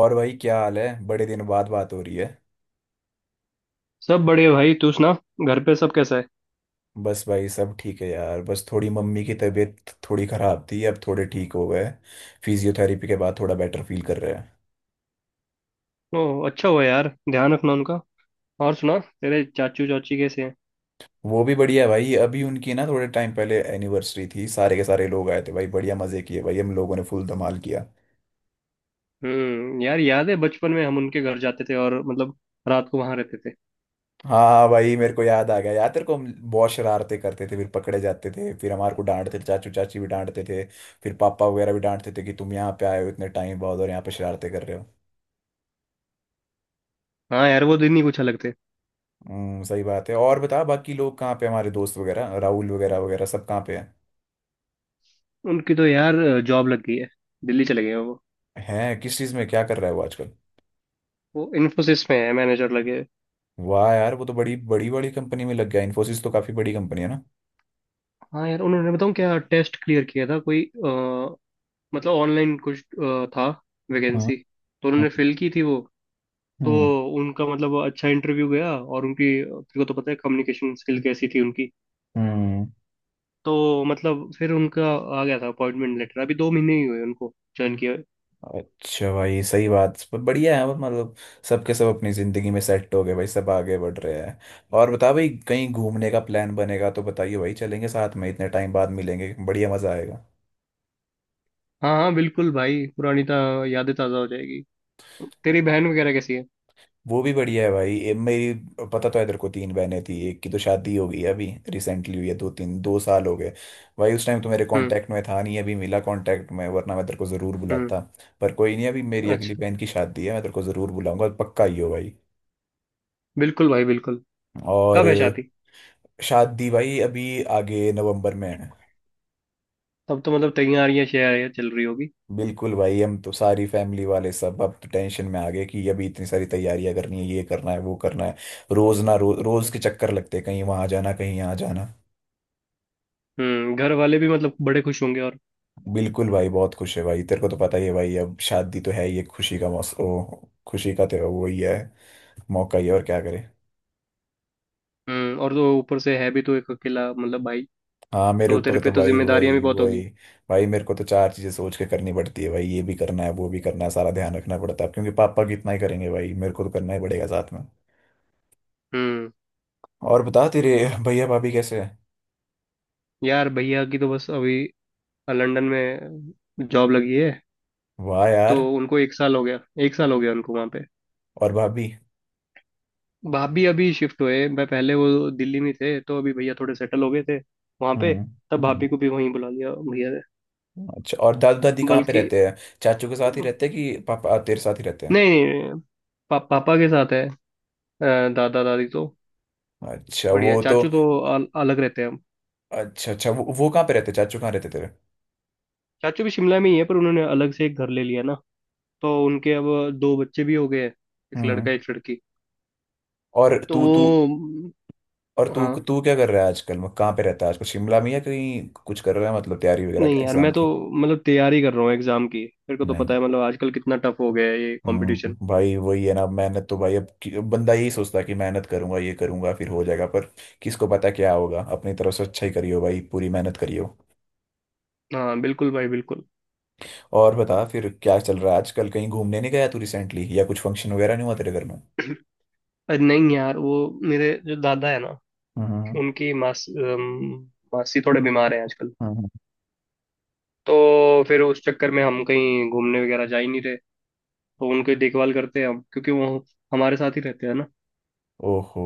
और भाई, क्या हाल है? बड़े दिन बाद बात हो रही है। सब बढ़िया भाई। तू सुना, घर पे सब कैसा है। बस भाई सब ठीक है यार। बस थोड़ी मम्मी की तबीयत थोड़ी खराब थी, अब थोड़े ठीक हो गए। फिजियोथेरेपी के बाद थोड़ा बेटर फील कर रहे हैं। ओह, अच्छा हुआ यार, ध्यान रखना उनका। और सुना, तेरे चाचू चाची कैसे हैं। वो भी बढ़िया है भाई। अभी उनकी ना थोड़े टाइम पहले एनिवर्सरी थी, सारे के सारे लोग आए थे भाई। बढ़िया मजे किए भाई, हम लोगों ने फुल धमाल किया। हम्म, यार याद है बचपन में हम उनके घर जाते थे और मतलब रात को वहां रहते थे। हाँ हाँ भाई, मेरे को याद आ गया यार तेरे को, हम बहुत शरारतें करते थे, फिर पकड़े जाते थे, फिर हमारे को डांटते थे, चाचू चाची भी डांटते थे। फिर पापा वगैरह भी डांटते थे कि तुम यहाँ पे आए हो इतने टाइम बाद और यहाँ पे शरारतें कर रहे हो। हाँ यार, वो दिन ही कुछ अलग थे। सही बात है। और बता, बाकी लोग कहाँ पे? हमारे दोस्त वगैरह, राहुल वगैरह वगैरह सब कहाँ पे हैं? उनकी तो यार जॉब लग गई है, दिल्ली चले गए हैं वो। किस चीज़ में क्या कर रहा है वो आजकल? वो इन्फोसिस में है, मैनेजर लगे हैं। वाह यार, वो तो बड़ी बड़ी बड़ी कंपनी में लग गया। इन्फोसिस तो काफ़ी बड़ी कंपनी है ना। हाँ यार, उन्होंने बताऊँ क्या, टेस्ट क्लियर किया था कोई मतलब ऑनलाइन कुछ था। हम्म। वैकेंसी तो उन्होंने फिल की थी वो। तो हम्म। उनका मतलब अच्छा इंटरव्यू गया, और उनकी तेरे को तो पता है कम्युनिकेशन स्किल कैसी थी उनकी। हम्म। तो मतलब फिर उनका आ गया था अपॉइंटमेंट लेटर। अभी 2 महीने ही हुए उनको ज्वाइन किया हुए। अच्छा भाई, सही बात, पर बढ़िया है मतलब। सबके सब अपनी ज़िंदगी में सेट हो गए भाई, सब आगे बढ़ रहे हैं। और बता भाई, कहीं घूमने का प्लान बनेगा तो बताइए भाई, चलेंगे साथ में। इतने टाइम बाद मिलेंगे, बढ़िया मज़ा आएगा। हाँ हाँ बिल्कुल भाई, पुरानी ता यादें ताज़ा हो जाएगी। तेरी बहन वगैरह कैसी है। वो भी बढ़िया है भाई। मेरी, पता तो है तेरे को, तीन बहनें थी, एक की तो शादी हो गई है, अभी रिसेंटली हुई है, दो तीन 2 साल हो गए। भाई उस टाइम तो मेरे हम्म। कांटेक्ट में था नहीं, अभी मिला कांटेक्ट में, वरना मैं तेरे को ज़रूर हम्म। बुलाता। पर कोई नहीं, अभी मेरी अगली अच्छा। बहन की शादी है, मैं तेरे को ज़रूर बुलाऊंगा पक्का, ही हो भाई। बिल्कुल भाई बिल्कुल। और कब है शादी। शादी भाई अभी आगे नवंबर में है। तब तो मतलब तैयारियां शैयारियां चल रही होगी। बिल्कुल भाई, हम तो सारी फैमिली वाले सब अब तो टेंशन में आ गए कि अभी इतनी सारी तैयारियां करनी है, ये करना है, वो करना है। रोज ना, रोज रोज हम्म। के चक्कर लगते हैं, कहीं वहां जाना, कहीं यहाँ जाना। घर वाले भी मतलब बड़े खुश होंगे और। बिल्कुल भाई, बहुत खुश है भाई। तेरे को तो पता ही है भाई, अब शादी तो है ही एक खुशी का मौसम, खुशी का तो वही है, मौका ही है, और क्या करे। हम्म, और तो ऊपर से है भी तो एक अकेला मतलब भाई। हाँ, मेरे तो तेरे ऊपर पे तो तो भाई जिम्मेदारियां भी वही बहुत होगी। वही। भाई मेरे को तो चार चीजें सोच के करनी पड़ती है भाई, ये भी करना है, वो भी करना है, सारा ध्यान रखना पड़ता है, अब क्योंकि पापा कितना ही करेंगे भाई, मेरे को तो करना ही पड़ेगा साथ में। हम्म और बता तेरे भैया भाभी कैसे हैं? यार, भैया की तो बस अभी लंदन में जॉब लगी है। वाह तो यार। उनको एक साल हो गया उनको वहाँ पे। और भाभी? भाभी अभी शिफ्ट हुए, मैं पहले वो दिल्ली में थे, तो अभी भैया थोड़े सेटल हो गए थे वहाँ पे। हम्म। तब हम्म। भाभी को भी वहीं बुला लिया भैया ने। अच्छा, और दादू दादी कहाँ पे बल्कि रहते हैं? चाचू के साथ ही रहते हैं कि पापा तेरे साथ ही रहते हैं? नहीं, पापा के साथ है। दादा दादी तो अच्छा, बढ़िया। वो तो। चाचू तो अलग रहते हैं हम। अच्छा अच्छा, वो कहाँ पे रहते? चाचू कहाँ रहते तेरे? चाचू भी शिमला में ही है, पर उन्होंने अलग से एक घर ले लिया ना। तो उनके अब दो बच्चे भी हो गए हैं, एक हम्म। लड़का एक लड़की। और तो तू तू वो। और तू हाँ, तू क्या कर रहा है आजकल? मतलब कहाँ पे रहता है आजकल, शिमला में, या कहीं कुछ कर रहा है, मतलब तैयारी वगैरह की नहीं यार एग्जाम मैं तो की? मतलब तैयारी कर रहा हूँ एग्जाम की। मेरे को तो पता नहीं। है मतलब आजकल कितना टफ हो गया है ये कंपटीशन। भाई वही है ना, मेहनत तो भाई अब, बंदा यही सोचता है कि मेहनत करूंगा, ये करूंगा, फिर हो जाएगा, पर किसको पता क्या होगा। अपनी तरफ से अच्छा ही करियो भाई, पूरी मेहनत करियो। हाँ बिल्कुल भाई बिल्कुल। और बता फिर क्या चल रहा है आजकल? कहीं घूमने नहीं गया तू रिसेंटली? या कुछ फंक्शन वगैरह नहीं हुआ तेरे घर में? अरे नहीं यार, वो मेरे जो दादा है ना, हम्म, उनकी मासी थोड़े बीमार हैं आजकल। हम्म। तो फिर उस चक्कर में हम कहीं घूमने वगैरह जा ही नहीं रहे। तो उनकी देखभाल करते हैं हम, क्योंकि वो हमारे साथ ही रहते हैं ना। ओहो,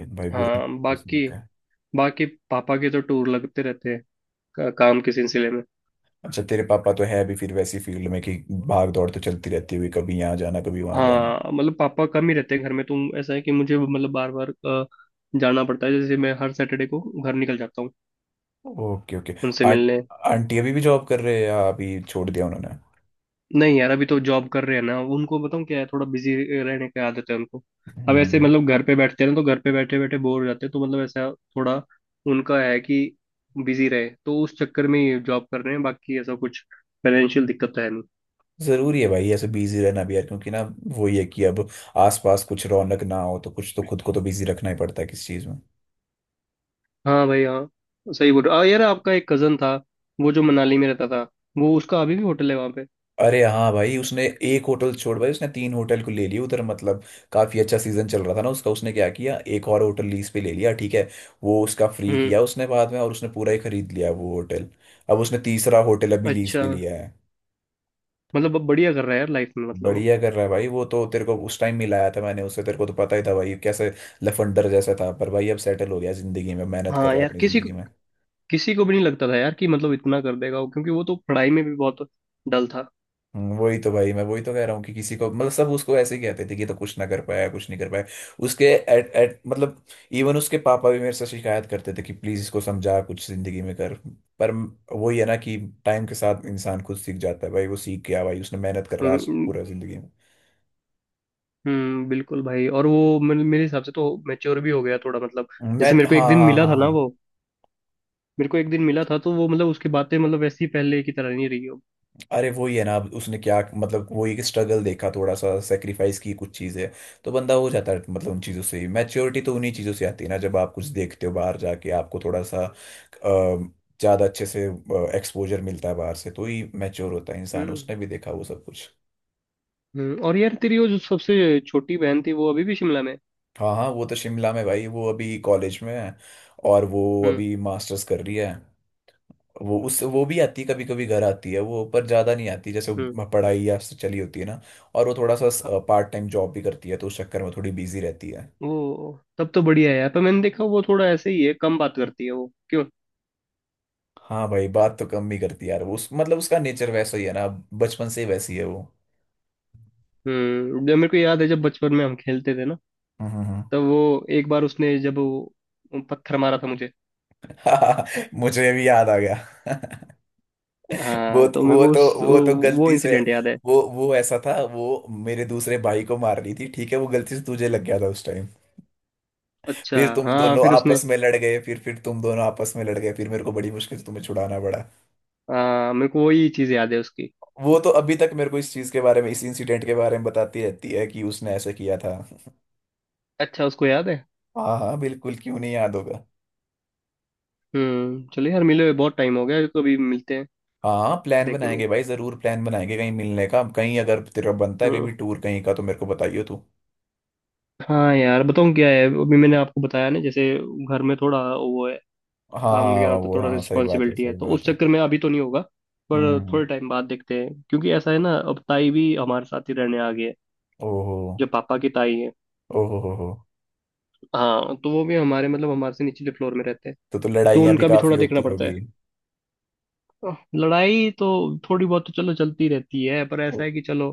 ये भाई बुरा। हाँ, बाकी बाकी पापा के तो टूर लगते रहते हैं काम के सिलसिले में। अच्छा, तेरे पापा तो है अभी फिर वैसी फील्ड में कि भाग दौड़ तो चलती रहती हुई, कभी यहाँ जाना, कभी वहां जाना। हाँ, मतलब पापा कम ही रहते हैं घर में, तो ऐसा है कि मुझे मतलब बार बार जाना पड़ता है। जैसे मैं हर सैटरडे को घर निकल जाता हूँ ओके ओके। उनसे आं, मिलने। आंटी अभी भी जॉब कर रहे हैं या अभी छोड़ दिया उन्होंने? नहीं यार, अभी तो जॉब कर रहे हैं ना। उनको बताऊँ क्या है, थोड़ा बिजी रहने की आदत है उनको। अब ऐसे हम्म। मतलब घर पे बैठते हैं ना, तो घर पे बैठे बैठे बोर हो जाते हैं। तो मतलब ऐसा थोड़ा उनका है कि बिजी रहे, तो उस चक्कर में ये जॉब कर रहे हैं। बाकी ऐसा कुछ फाइनेंशियल दिक्कत तो है नहीं। जरूरी है भाई ऐसे बिजी रहना भी यार, क्योंकि ना वो, ये कि अब आसपास कुछ रौनक ना हो तो कुछ तो खुद को तो बिजी रखना ही पड़ता है किस चीज में। हाँ भाई हाँ, सही बोल रहे हो। यार आपका एक कजन था, वो जो मनाली में रहता था, वो उसका अभी भी होटल है वहाँ पे। अरे हाँ भाई, उसने एक होटल छोड़ भाई, उसने तीन होटल को ले लिया उधर, मतलब काफी अच्छा सीजन चल रहा था ना उसका। उसने क्या किया, एक और होटल लीज पे ले लिया, ठीक है, वो उसका फ्री हम्म। किया उसने बाद में, और उसने पूरा ही खरीद लिया वो होटल। अब उसने तीसरा होटल अभी लीज अच्छा। पे लिया है। मतलब अब बढ़िया कर रहा है यार लाइफ में मतलब वो। बढ़िया कर रहा है भाई वो, तो तेरे को उस टाइम मिलाया था मैंने उससे, तेरे को तो पता ही था भाई कैसे लफंडर जैसा था, पर भाई अब सेटल हो गया जिंदगी में, मेहनत कर हाँ रहा है यार, अपनी किसी को जिंदगी में। किसी को भी नहीं लगता था यार कि मतलब इतना कर देगा वो, क्योंकि वो तो पढ़ाई में भी बहुत डल था। वही तो भाई, मैं वही तो कह रहा हूँ कि किसी को, मतलब सब उसको ऐसे ही कहते थे कि ये तो कुछ ना कर पाया, कुछ नहीं कर पाया। उसके एट एट मतलब, इवन उसके पापा भी मेरे से शिकायत करते थे कि प्लीज इसको समझा, कुछ जिंदगी में कर। पर वही है ना कि टाइम के साथ इंसान खुद सीख जाता है भाई। वो सीख गया भाई, उसने मेहनत कर रहा है आज हम्म। पूरा जिंदगी में। बिल्कुल भाई। और वो मेरे हिसाब से तो मैच्योर भी हो गया थोड़ा मतलब। मैं जैसे हाँ, हाँ, हाँ, हाँ। मेरे को एक दिन मिला था, तो वो मतलब उसकी बातें मतलब वैसी पहले की तरह नहीं रही हो। अरे वही है ना, अब उसने क्या मतलब वही, एक स्ट्रगल देखा, थोड़ा सा सेक्रीफाइस की कुछ चीजें, तो बंदा हो जाता है, मतलब उन चीजों से ही मैच्योरिटी तो उन्हीं चीजों से आती है ना, जब आप कुछ देखते हो, बाहर जाके आपको थोड़ा सा ज्यादा अच्छे से एक्सपोजर मिलता है बाहर से, तो ही मैच्योर होता है इंसान। हम्म। उसने भी देखा वो सब कुछ। हम्म, और यार तेरी वो जो सबसे छोटी बहन थी, वो अभी भी शिमला में है? हाँ हाँ, वो तो शिमला में भाई। वो अभी कॉलेज में है, और वो हम्म। अभी मास्टर्स कर रही है। वो भी आती है, कभी कभी घर आती है वो, पर ज्यादा नहीं आती, जैसे हम्म। वो पढ़ाई या उससे चली होती है ना। और वो थोड़ा हाँ, सा पार्ट टाइम जॉब भी करती है, तो उस चक्कर में थोड़ी बिजी रहती है। वो तब तो बढ़िया है यार, पर मैंने देखा वो थोड़ा ऐसे ही है, कम बात करती है वो, क्यों। हाँ भाई, बात तो कम ही करती है यार वो। उस मतलब उसका नेचर वैसा ही है ना, बचपन से ही वैसी है वो। हम्म, जब मेरे को याद है, जब बचपन में हम खेलते थे ना, हम्म, तब वो एक बार उसने जब वो पत्थर मारा था मुझे। हम्म। मुझे भी याद आ गया। वो हाँ, तो तो, मेरे वो को उस तो वो तो वो गलती से, इंसिडेंट याद है। वो ऐसा था, वो मेरे दूसरे भाई को मार रही थी, ठीक है, वो गलती से तुझे लग गया था उस टाइम। अच्छा। फिर तुम हाँ दोनों फिर उसने। आपस में लड़ गए, फिर तुम दोनों आपस में लड़ गए, फिर मेरे को बड़ी मुश्किल से तुम्हें छुड़ाना पड़ा। हाँ, मेरे को वही चीज़ याद है उसकी। वो तो अभी तक मेरे को इस चीज के बारे में, इस इंसिडेंट के बारे में बताती रहती है कि उसने ऐसे किया था। अच्छा, उसको याद है। हाँ हाँ बिल्कुल, क्यों नहीं याद होगा। हम्म, चलो यार, मिले हुए बहुत टाइम हो गया, कभी मिलते हैं। हाँ, प्लान देखेंगे। बनाएंगे भाई, जरूर प्लान बनाएंगे कहीं मिलने का, कहीं अगर तेरा बनता है कहीं हम्म। भी टूर कहीं का तो मेरे को बताइयो तू। हाँ यार बताऊँ क्या है, अभी मैंने आपको बताया ना, जैसे घर में थोड़ा वो है, काम हाँ वगैरह होता है, वो, थोड़ा हाँ सही बात है, रिस्पॉन्सिबिलिटी है, सही तो उस बात है। चक्कर में अभी तो नहीं होगा। पर हम्म। थोड़े टाइम बाद देखते हैं, क्योंकि ऐसा है ना, अब ताई भी हमारे साथ ही रहने आ गई है, ओहो। जो पापा की ताई है। ओहो हो हो। हाँ, तो वो भी हमारे मतलब हमारे से निचले फ्लोर में रहते हैं। तो तो लड़ाइयाँ भी उनका भी काफी थोड़ा देखना होती पड़ता होगी। है। लड़ाई तो थोड़ी बहुत तो चलो चलती रहती है, पर ऐसा है कि चलो,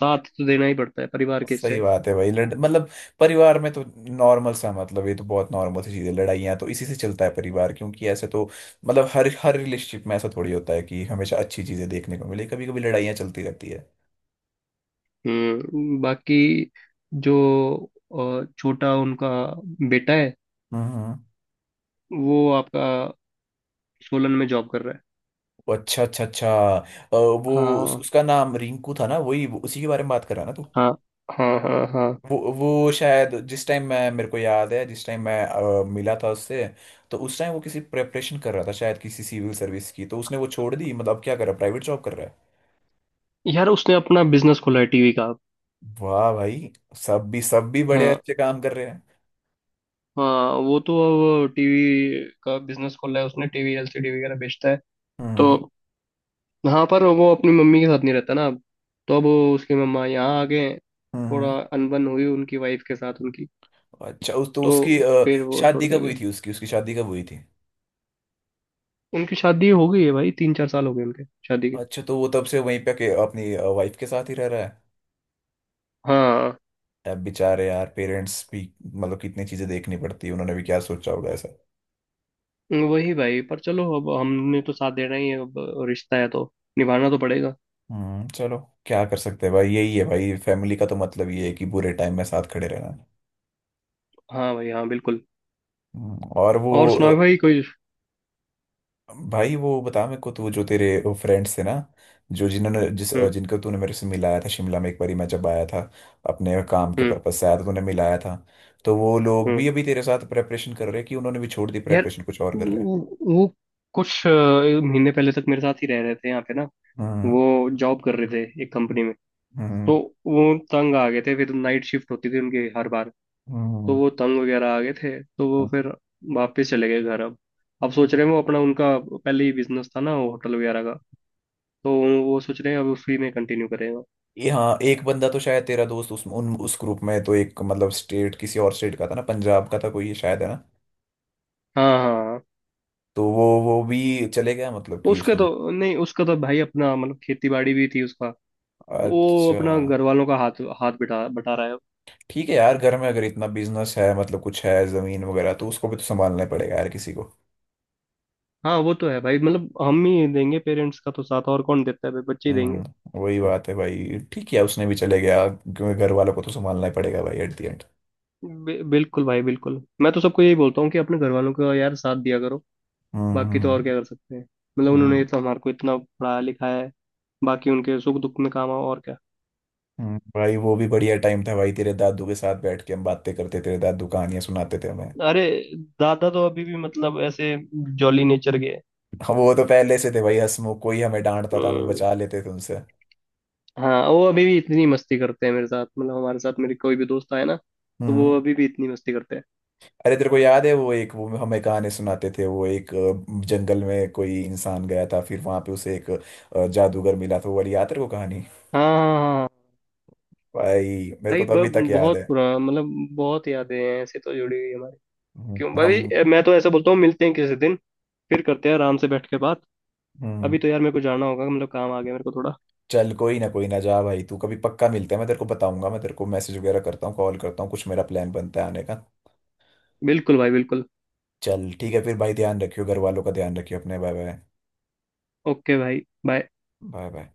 साथ तो देना ही पड़ता है परिवार के सही हिस्से। बात है भाई, लड़ मतलब परिवार में तो नॉर्मल सा, मतलब ये तो बहुत नॉर्मल सी चीज है, लड़ाइयाँ तो इसी से चलता है परिवार, क्योंकि ऐसे तो मतलब हर हर रिलेशनशिप में ऐसा थोड़ी होता है कि हमेशा अच्छी चीजें देखने को मिले, कभी कभी लड़ाइयाँ चलती रहती है। हम्म, बाकी जो छोटा उनका बेटा है, हम्म, वो आपका सोलन में जॉब कर रहा है। वो अच्छा अच्छा अच्छा। वो, हाँ उसका नाम रिंकू था ना, वही उसी के बारे में बात कर रहा है ना तू। हाँ हाँ हाँ। हाँ वो शायद जिस टाइम मैं, मेरे को याद है जिस टाइम मैं मिला था उससे, तो उस टाइम वो किसी प्रेपरेशन कर रहा था शायद किसी सिविल सर्विस की, तो उसने वो छोड़ दी, मतलब अब क्या कर रहा है, प्राइवेट जॉब कर रहा है। यार, उसने अपना बिजनेस खोला है टीवी का। वाह भाई, सब भी बड़े हाँ। अच्छे काम कर रहे हैं। हाँ वो तो अब टीवी का बिजनेस खोला है उसने, टीवी एलसीडी वगैरह बेचता है। तो हम्म, हाँ, पर वो अपनी मम्मी के साथ नहीं रहता ना अब। तो अब उसकी मम्मा यहाँ आ गए। हम्म। थोड़ा अनबन हुई उनकी वाइफ के साथ उनकी। अच्छा, उस तो तो उसकी फिर वो छोड़ शादी कब के हुई गए। थी? उसकी, उसकी शादी कब हुई थी? उनकी शादी हो गई है भाई, 3 4 साल हो गए उनके शादी के। अच्छा, तो वो तब से वहीं पे के अपनी वाइफ के साथ ही रह रहा है। हाँ, अब बेचारे यार पेरेंट्स भी, मतलब कितनी चीजें देखनी पड़ती है, उन्होंने भी क्या सोचा होगा ऐसा। वही भाई, पर चलो अब हमने तो साथ देना ही है अब। रिश्ता है तो निभाना तो पड़ेगा। हम्म, चलो। क्या कर सकते हैं भाई, यही है भाई फैमिली का तो, मतलब ये है कि बुरे टाइम में साथ खड़े रहना। हाँ भाई हाँ बिल्कुल। और वो, और सुनाओ भाई कोई। भाई वो बता मेरे को, तू जो तेरे फ्रेंड्स थे ना, जो जिन्होंने जिस हम्म। जिनको तूने मेरे से मिलाया था शिमला में एक बारी, मैं जब आया था अपने काम के हम्म। पर्पज से, आया था, तूने मिलाया था, तो वो लोग हम्म भी अभी तेरे साथ प्रेपरेशन कर रहे हैं कि उन्होंने भी छोड़ दी यार, प्रेपरेशन, कुछ और कर रहे हैं? वो कुछ महीने पहले तक मेरे साथ ही रह रहे थे यहाँ पे ना। हम्म, वो जॉब कर रहे थे एक कंपनी में। हम्म, तो वो तंग आ गए थे, फिर नाइट शिफ्ट होती थी उनकी हर बार। तो हम्म, वो तंग वगैरह आ गए थे, तो वो हम्म। फिर वापस चले गए घर। अब सोच रहे हैं वो, अपना उनका पहले ही बिजनेस था ना वो होटल वगैरह का, तो वो सोच रहे हैं अब उसी में कंटिन्यू करेंगे। ये हाँ, एक बंदा तो शायद तेरा दोस्त उस ग्रुप में तो, एक मतलब स्टेट, किसी और स्टेट का था ना, पंजाब का था कोई ये शायद है ना। हाँ हाँ। तो वो भी चले गया, मतलब कि उसके उसमें। तो नहीं, उसका तो भाई अपना मतलब खेती बाड़ी भी थी उसका। वो अच्छा। अपना घर वालों का हाथ हाथ बिठा बटा रहा है। ठीक है यार, घर में अगर इतना बिजनेस है, मतलब कुछ है जमीन वगैरह, तो उसको भी तो संभालना ही पड़ेगा यार, किसी को। हाँ वो तो है भाई, मतलब हम ही देंगे पेरेंट्स का तो साथ, और कौन देता है, भाई बच्चे ही देंगे। वही बात है भाई। ठीक है, उसने भी चले गया क्योंकि घर वालों को तो संभालना ही पड़ेगा भाई एट दी एंड। बिल्कुल भाई बिल्कुल, मैं तो सबको यही बोलता हूँ कि अपने घर वालों का यार साथ दिया करो। बाकी तो हम्म, और क्या कर हम्म, सकते हैं, मतलब उन्होंने हम्म, तो हमारे को इतना पढ़ाया लिखाया है। बाकी उनके सुख दुख में काम आओ और क्या। भाई वो भी बढ़िया टाइम था भाई, तेरे दादू के साथ बैठ के हम बातें करते, तेरे दादू कहानियां सुनाते थे हमें। अरे दादा तो अभी भी मतलब ऐसे जॉली नेचर के हैं। हाँ, वो तो पहले से थे भाई हंसमुख। कोई हमें डांटता था, हमें हम्म, बचा लेते थे उनसे। हाँ वो अभी भी इतनी मस्ती करते हैं मेरे साथ, मतलब हमारे साथ, मेरे कोई भी दोस्त आए ना, तो वो हम्म। अभी भी इतनी मस्ती करते हैं। अरे तेरे को याद है वो एक, वो हमें कहानी सुनाते थे, वो एक जंगल में कोई इंसान गया था, फिर वहां पे उसे एक जादूगर मिला था, वो वाली याद तेरे को कहानी? हाँ हाँ हाँ हाँ। भाई मेरे को भाई तो अभी तक याद बहुत है। पुराना मतलब, बहुत यादें हैं ऐसे तो जुड़ी हुई हमारी। क्यों भाई, हम। मैं तो ऐसा बोलता हूँ, मिलते हैं किसी दिन, फिर करते हैं आराम से बैठ के बात। अभी हम्म। तो यार मेरे को जाना होगा, मतलब काम आ गया मेरे को थोड़ा। चल, कोई ना कोई ना, जा भाई तू, कभी पक्का मिलते हैं। मैं तेरे को बताऊंगा, मैं तेरे को मैसेज वगैरह करता हूँ, कॉल करता हूँ, कुछ मेरा प्लान बनता है आने का। बिल्कुल भाई बिल्कुल। चल ठीक है फिर भाई, ध्यान रखियो घर वालों का, ध्यान रखियो अपने। Bye bye. ओके भाई। बाय। Bye bye.